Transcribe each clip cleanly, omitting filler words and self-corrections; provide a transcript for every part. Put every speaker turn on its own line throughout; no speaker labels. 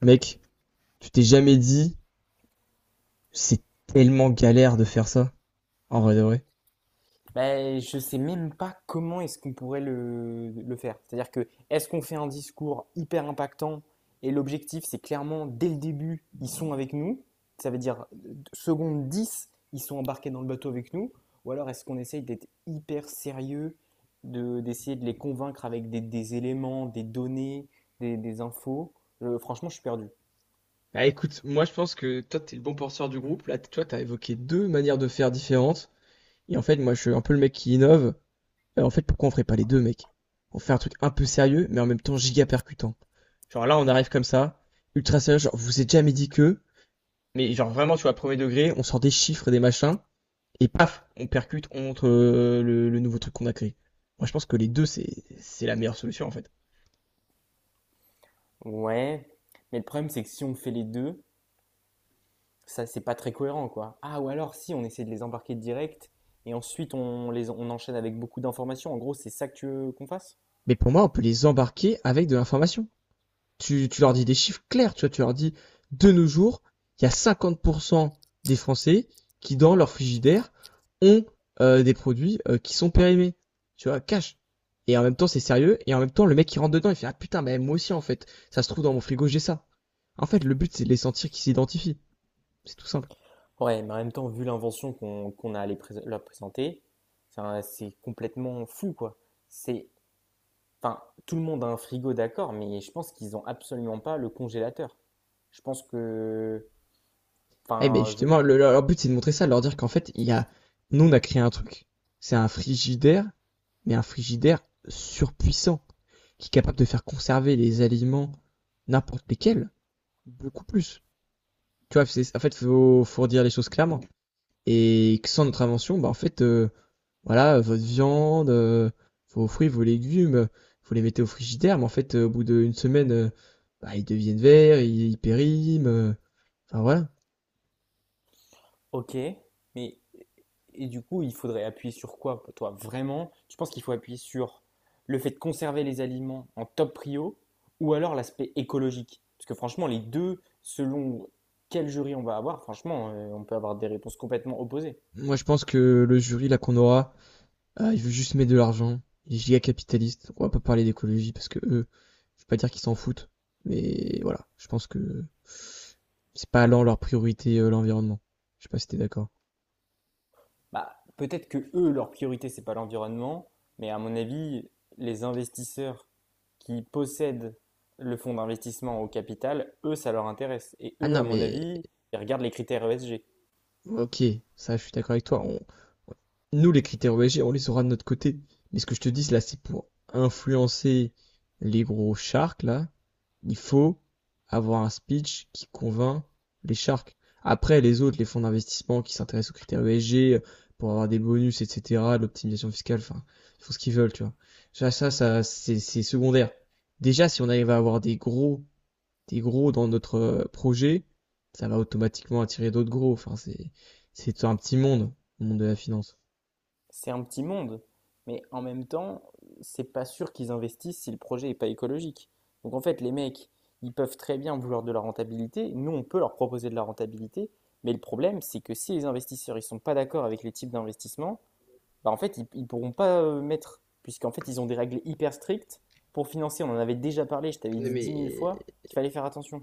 Mec, tu t'es jamais dit, c'est tellement galère de faire ça, en vrai de vrai.
Je sais même pas comment est-ce qu'on pourrait le faire. C'est-à-dire, que est-ce qu'on fait un discours hyper impactant et l'objectif c'est clairement dès le début ils sont avec nous, ça veut dire seconde 10 ils sont embarqués dans le bateau avec nous, ou alors est-ce qu'on essaye d'être hyper sérieux, d'essayer de les convaincre avec des éléments, des données, des infos. Franchement, je suis perdu.
Bah écoute, moi je pense que toi t'es le bon penseur du groupe. Là, toi t'as évoqué deux manières de faire différentes. Et en fait, moi je suis un peu le mec qui innove. En fait, pourquoi on ferait pas les deux, mec? On fait un truc un peu sérieux, mais en même temps giga percutant. Genre là, on arrive comme ça, ultra sérieux, genre vous êtes jamais dit que, mais genre vraiment, tu vois, premier degré, on sort des chiffres et des machins, et paf, on percute, on montre le nouveau truc qu'on a créé. Moi je pense que les deux, c'est la meilleure solution en fait.
Ouais, mais le problème c'est que si on fait les deux, ça c'est pas très cohérent, quoi. Ah, ou alors si on essaie de les embarquer direct et ensuite on enchaîne avec beaucoup d'informations. En gros, c'est ça que tu veux qu'on fasse?
Mais pour moi, on peut les embarquer avec de l'information. Tu leur dis des chiffres clairs, tu vois, tu leur dis, de nos jours, il y a 50% des Français qui, dans leur frigidaire, ont des produits qui sont périmés. Tu vois, cash. Et en même temps, c'est sérieux. Et en même temps, le mec qui rentre dedans, il fait, ah putain, mais moi aussi, en fait, ça se trouve dans mon frigo, j'ai ça. En fait, le but, c'est de les sentir qu'ils s'identifient. C'est tout simple.
Ouais, mais en même temps, vu l'invention qu'on a à leur présenter, c'est complètement fou, quoi. C'est enfin tout le monde a un frigo, d'accord, mais je pense qu'ils ont absolument pas le congélateur. Je pense que,
Eh ben
enfin, je...
justement, leur but, c'est de montrer ça, de leur dire qu'en fait, il y a. Nous, on a créé un truc. C'est un frigidaire, mais un frigidaire surpuissant, qui est capable de faire conserver les aliments, n'importe lesquels, beaucoup plus. Tu vois, c'est, en fait, faut dire les choses clairement. Et que sans notre invention, bah, en fait, voilà, votre viande, vos fruits, vos légumes, faut les mettre au frigidaire, mais en fait, au bout d'une semaine, bah, ils deviennent verts, ils périment, enfin voilà.
Ok, mais, et du coup, il faudrait appuyer sur quoi, toi, vraiment? Tu penses qu'il faut appuyer sur le fait de conserver les aliments en top prio, ou alors l'aspect écologique? Parce que franchement, les deux, selon quel jury on va avoir, franchement, on peut avoir des réponses complètement opposées.
Moi, je pense que le jury, là, qu'on aura, il veut juste mettre de l'argent. Il est giga capitaliste. On va pas parler d'écologie parce que eux, je vais pas dire qu'ils s'en foutent, mais voilà, je pense que c'est pas allant leur priorité l'environnement. Je sais pas si t'es d'accord.
Bah, peut-être que eux, leur priorité, c'est pas l'environnement, mais à mon avis, les investisseurs qui possèdent le fonds d'investissement au capital, eux, ça leur intéresse. Et
Ah
eux,
non,
à mon
mais
avis, ils regardent les critères ESG.
ok, ça je suis d'accord avec toi. Nous, les critères ESG, on les aura de notre côté. Mais ce que je te dis, là, c'est pour influencer les gros sharks, là. Il faut avoir un speech qui convainc les sharks. Après, les autres, les fonds d'investissement qui s'intéressent aux critères ESG pour avoir des bonus, etc., de l'optimisation fiscale, enfin, ils font ce qu'ils veulent, tu vois. C'est secondaire. Déjà, si on arrive à avoir des gros. T'es gros dans notre projet, ça va automatiquement attirer d'autres gros. Enfin, c'est un petit monde, le monde de la finance.
C'est un petit monde, mais en même temps, c'est pas sûr qu'ils investissent si le projet est pas écologique. Donc en fait, les mecs, ils peuvent très bien vouloir de la rentabilité. Nous, on peut leur proposer de la rentabilité, mais le problème, c'est que si les investisseurs ils sont pas d'accord avec les types d'investissement, bah en fait, ils pourront pas mettre, puisqu'en fait, ils ont des règles hyper strictes pour financer. On en avait déjà parlé, je t'avais dit 10 000 fois
Mais
qu'il fallait faire attention.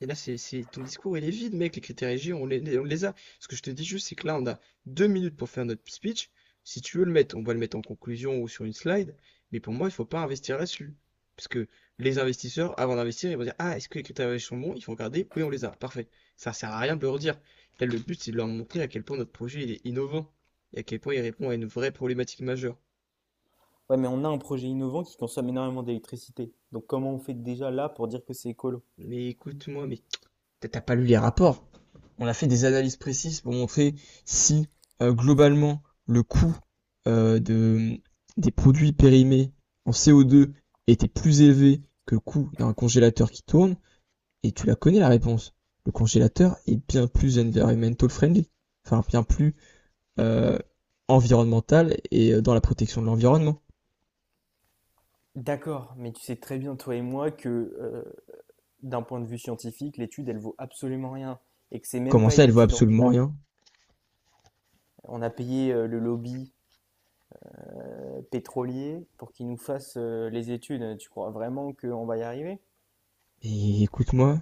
Et là, ton discours, il est vide, mec. Les critères EG, on les a. Ce que je te dis juste, c'est que là, on a 2 minutes pour faire notre speech. Si tu veux le mettre, on va le mettre en conclusion ou sur une slide. Mais pour moi, il faut pas investir là-dessus. Parce que les investisseurs, avant d'investir, ils vont dire, ah, est-ce que les critères ESG sont bons? Il faut regarder. Oui, on les a. Parfait. Ça sert à rien de le redire. Là, le but, c'est de leur montrer à quel point notre projet, il est innovant. Et à quel point il répond à une vraie problématique majeure.
Ouais, mais on a un projet innovant qui consomme énormément d'électricité. Donc comment on fait déjà là pour dire que c'est écolo?
Mais écoute-moi, mais t'as pas lu les rapports. On a fait des analyses précises pour montrer si globalement le coût euh, de, des produits périmés en CO2 était plus élevé que le coût d'un congélateur qui tourne. Et tu la connais la réponse. Le congélateur est bien plus environmental friendly, enfin bien plus euh, environnemental et dans la protection de l'environnement.
D'accord, mais tu sais très bien, toi et moi, que euh, d'un point de vue scientifique, l'étude, elle vaut absolument rien. Et que c'est même
Comment
pas
ça,
une
elle vaut
étude en
absolument
double.
rien?
On a payé le lobby pétrolier pour qu'il nous fasse les études. Tu crois vraiment qu'on va y arriver?
Et écoute-moi,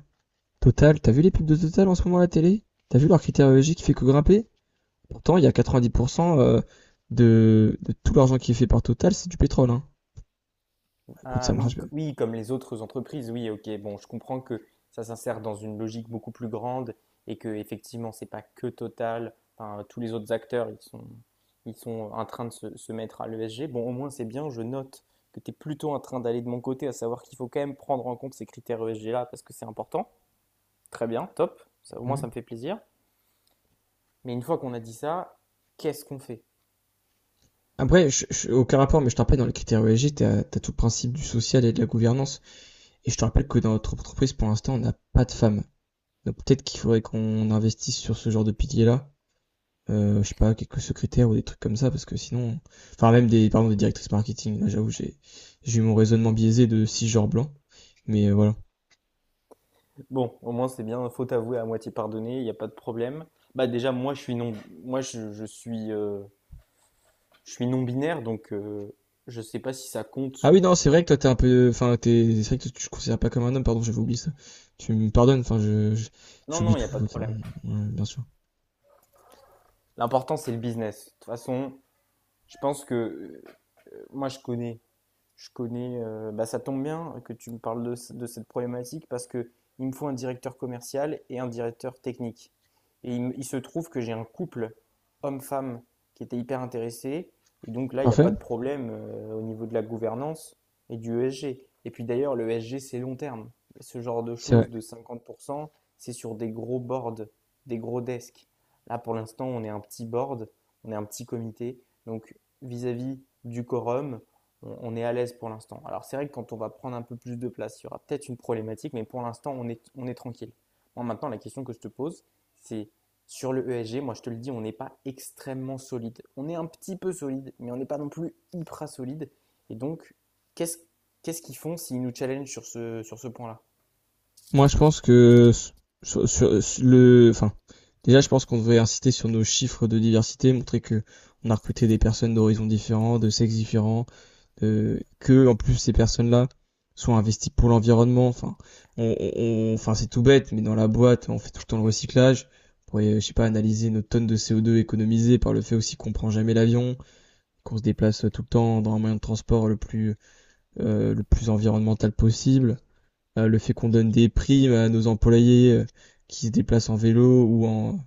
Total, t'as vu les pubs de Total en ce moment à la télé? T'as vu leur critériologie qui fait que grimper? Pourtant, il y a 90% de, tout l'argent qui est fait par Total, c'est du pétrole. Hein. Écoute, ça
Ah oui,
marche.
oui, comme les autres entreprises, oui, ok. Bon, je comprends que ça s'insère dans une logique beaucoup plus grande et que effectivement, c'est pas que Total. Enfin, tous les autres acteurs, ils sont en train de se mettre à l'ESG. Bon, au moins, c'est bien. Je note que tu es plutôt en train d'aller de mon côté, à savoir qu'il faut quand même prendre en compte ces critères ESG-là parce que c'est important. Très bien, top. Ça, au moins,
Mhm.
ça me fait plaisir. Mais une fois qu'on a dit ça, qu'est-ce qu'on fait?
Après, aucun rapport, mais je te rappelle, dans les critères ESG, t'as tout le principe du social et de la gouvernance. Et je te rappelle que dans notre entreprise, pour l'instant, on n'a pas de femmes. Donc peut-être qu'il faudrait qu'on investisse sur ce genre de pilier-là. Je sais pas, quelques secrétaires ou des trucs comme ça, parce que sinon... Enfin, même des, pardon, des directrices marketing. Là, j'avoue, j'ai eu mon raisonnement biaisé de cisgenre blanc. Mais voilà.
Bon, au moins c'est bien, faute avouée à moitié pardonnée, il n'y a pas de problème. Bah déjà moi je suis non moi je suis non binaire, donc je sais pas si ça compte.
Ah oui, non, c'est vrai que toi, t'es un peu. Enfin, t'es. C'est vrai que tu te considères pas comme un homme, pardon, j'avais oublié ça. Tu me pardonnes, enfin,
Non, non,
j'oublie
il n'y
tout,
a pas de
autant.
problème.
Ouais, bien sûr.
L'important c'est le business. De toute façon, je pense que, moi je connais Je connais, bah, ça tombe bien que tu me parles de cette problématique, parce que il me faut un directeur commercial et un directeur technique. Et il se trouve que j'ai un couple homme-femme qui était hyper intéressé. Et donc là, il n'y a pas
Parfait,
de problème au niveau de la gouvernance et du ESG. Et puis d'ailleurs, le ESG, c'est long terme. Ce genre de
c'est
choses
vrai.
de 50%, c'est sur des gros boards, des gros desks. Là, pour l'instant, on est un petit board, on est un petit comité. Donc, vis-à-vis du quorum, on est à l'aise pour l'instant. Alors, c'est vrai que quand on va prendre un peu plus de place, il y aura peut-être une problématique, mais pour l'instant, on est tranquille. Moi maintenant, la question que je te pose, c'est sur le ESG, moi je te le dis, on n'est pas extrêmement solide. On est un petit peu solide, mais on n'est pas non plus hyper solide. Et donc, qu'est-ce qu'est-ce qu'ils font s'ils nous challengent sur ce point-là?
Moi, je pense que. Sur le. Enfin, déjà, je pense qu'on devrait insister sur nos chiffres de diversité, montrer que on a recruté des personnes d'horizons différents, de sexes différents. Que en plus ces personnes-là sont investies pour l'environnement. Enfin, on, on- enfin c'est tout bête, mais dans la boîte, on fait tout le temps le recyclage. On pourrait, je sais pas, analyser nos tonnes de CO2 économisées par le fait aussi qu'on prend jamais l'avion, qu'on se déplace tout le temps dans un moyen de transport le plus environnemental possible. Le fait qu'on donne des primes à nos employés qui se déplacent en vélo ou en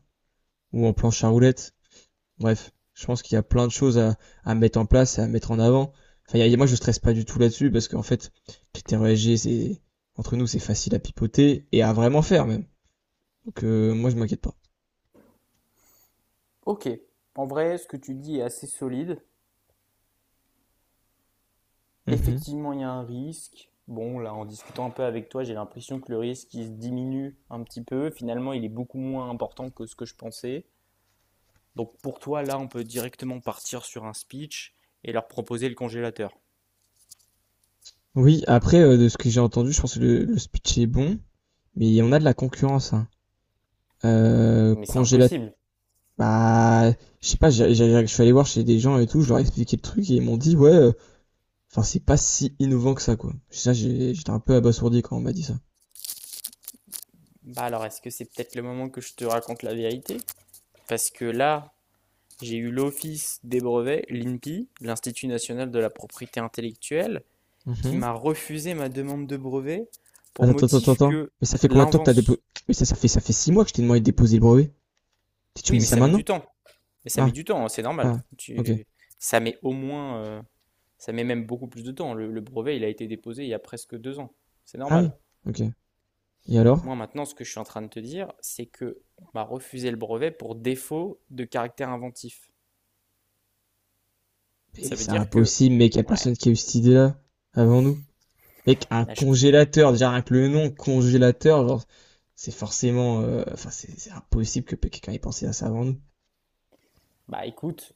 ou en planche à roulettes. Bref, je pense qu'il y a plein de choses à mettre en place et à mettre en avant. Enfin, moi, je stresse pas du tout là-dessus parce qu'en fait, critère ESG, c'est entre nous, c'est facile à pipoter et à vraiment faire même. Donc, moi, je m'inquiète pas.
Ok, en vrai, ce que tu dis est assez solide.
Mhm.
Effectivement, il y a un risque. Bon, là, en discutant un peu avec toi, j'ai l'impression que le risque, il se diminue un petit peu. Finalement, il est beaucoup moins important que ce que je pensais. Donc pour toi, là, on peut directement partir sur un speech et leur proposer le congélateur.
Oui, après, de ce que j'ai entendu, je pense que le speech est bon, mais on a de la concurrence. Hein.
Mais c'est
Congélateur.
impossible.
Bah, je sais pas, je suis allé voir chez des gens et tout, je leur ai expliqué le truc et ils m'ont dit, ouais, enfin, c'est pas si innovant que ça, quoi. Ça, j'étais un peu abasourdi quand on m'a dit ça.
Bah alors, est-ce que c'est peut-être le moment que je te raconte la vérité? Parce que là, j'ai eu l'Office des brevets, l'INPI, l'Institut national de la propriété intellectuelle, qui
Mhm.
m'a refusé ma demande de brevet pour
Attends, attends, attends,
motif
attends.
que
Mais ça fait combien de temps que t'as déposé?
l'invention...
Mais ça fait 6 mois que je t'ai demandé de déposer le brevet. Tu me
Oui,
dis
mais
ça
ça met
maintenant?
du temps. Mais ça
Ah,
met du temps, hein, c'est normal.
ah, ok.
Tu... Ça met au moins, ça met même beaucoup plus de temps. Le brevet, il a été déposé il y a presque 2 ans. C'est
Ah oui,
normal.
ok. Et alors?
Moi, maintenant, ce que je suis en train de te dire, c'est que on m'a refusé le brevet pour défaut de caractère inventif.
Mais
Ça veut
c'est
dire que,
impossible, mec, y a
ouais,
personne qui a eu cette idée-là avant nous. Mec, un
là, je comprends.
congélateur, déjà rien que le nom, congélateur, genre, c'est forcément, enfin, c'est impossible que quelqu'un ait pensé à ça avant nous.
Bah, écoute,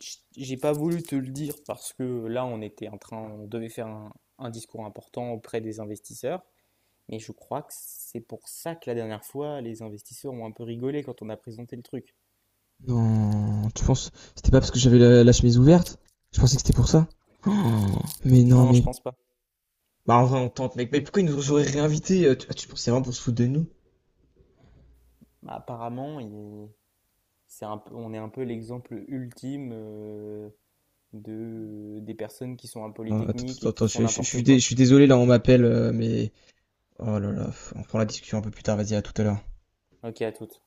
j'ai pas voulu te le dire parce que là, on était en train, on devait faire un discours important auprès des investisseurs. Mais je crois que c'est pour ça que la dernière fois, les investisseurs ont un peu rigolé quand on a présenté le truc.
Non, tu penses, c'était pas parce que j'avais la chemise ouverte? Je pensais que c'était pour ça. Oh, mais non,
Non,
mais,
je pense pas.
bah, en vrai, on tente, mec. Mais pourquoi ils nous auraient réinvités? Tu pensais vraiment pour se foutre de nous?
Bah, apparemment, on est un peu l'exemple ultime des personnes qui sont à
Ah, attends,
Polytechnique et
attends,
qui
attends,
font n'importe
je
quoi.
suis désolé, là, on m'appelle, mais... Oh là là, on prend la discussion un peu plus tard, vas-y, à tout à l'heure.
Ok, à toutes.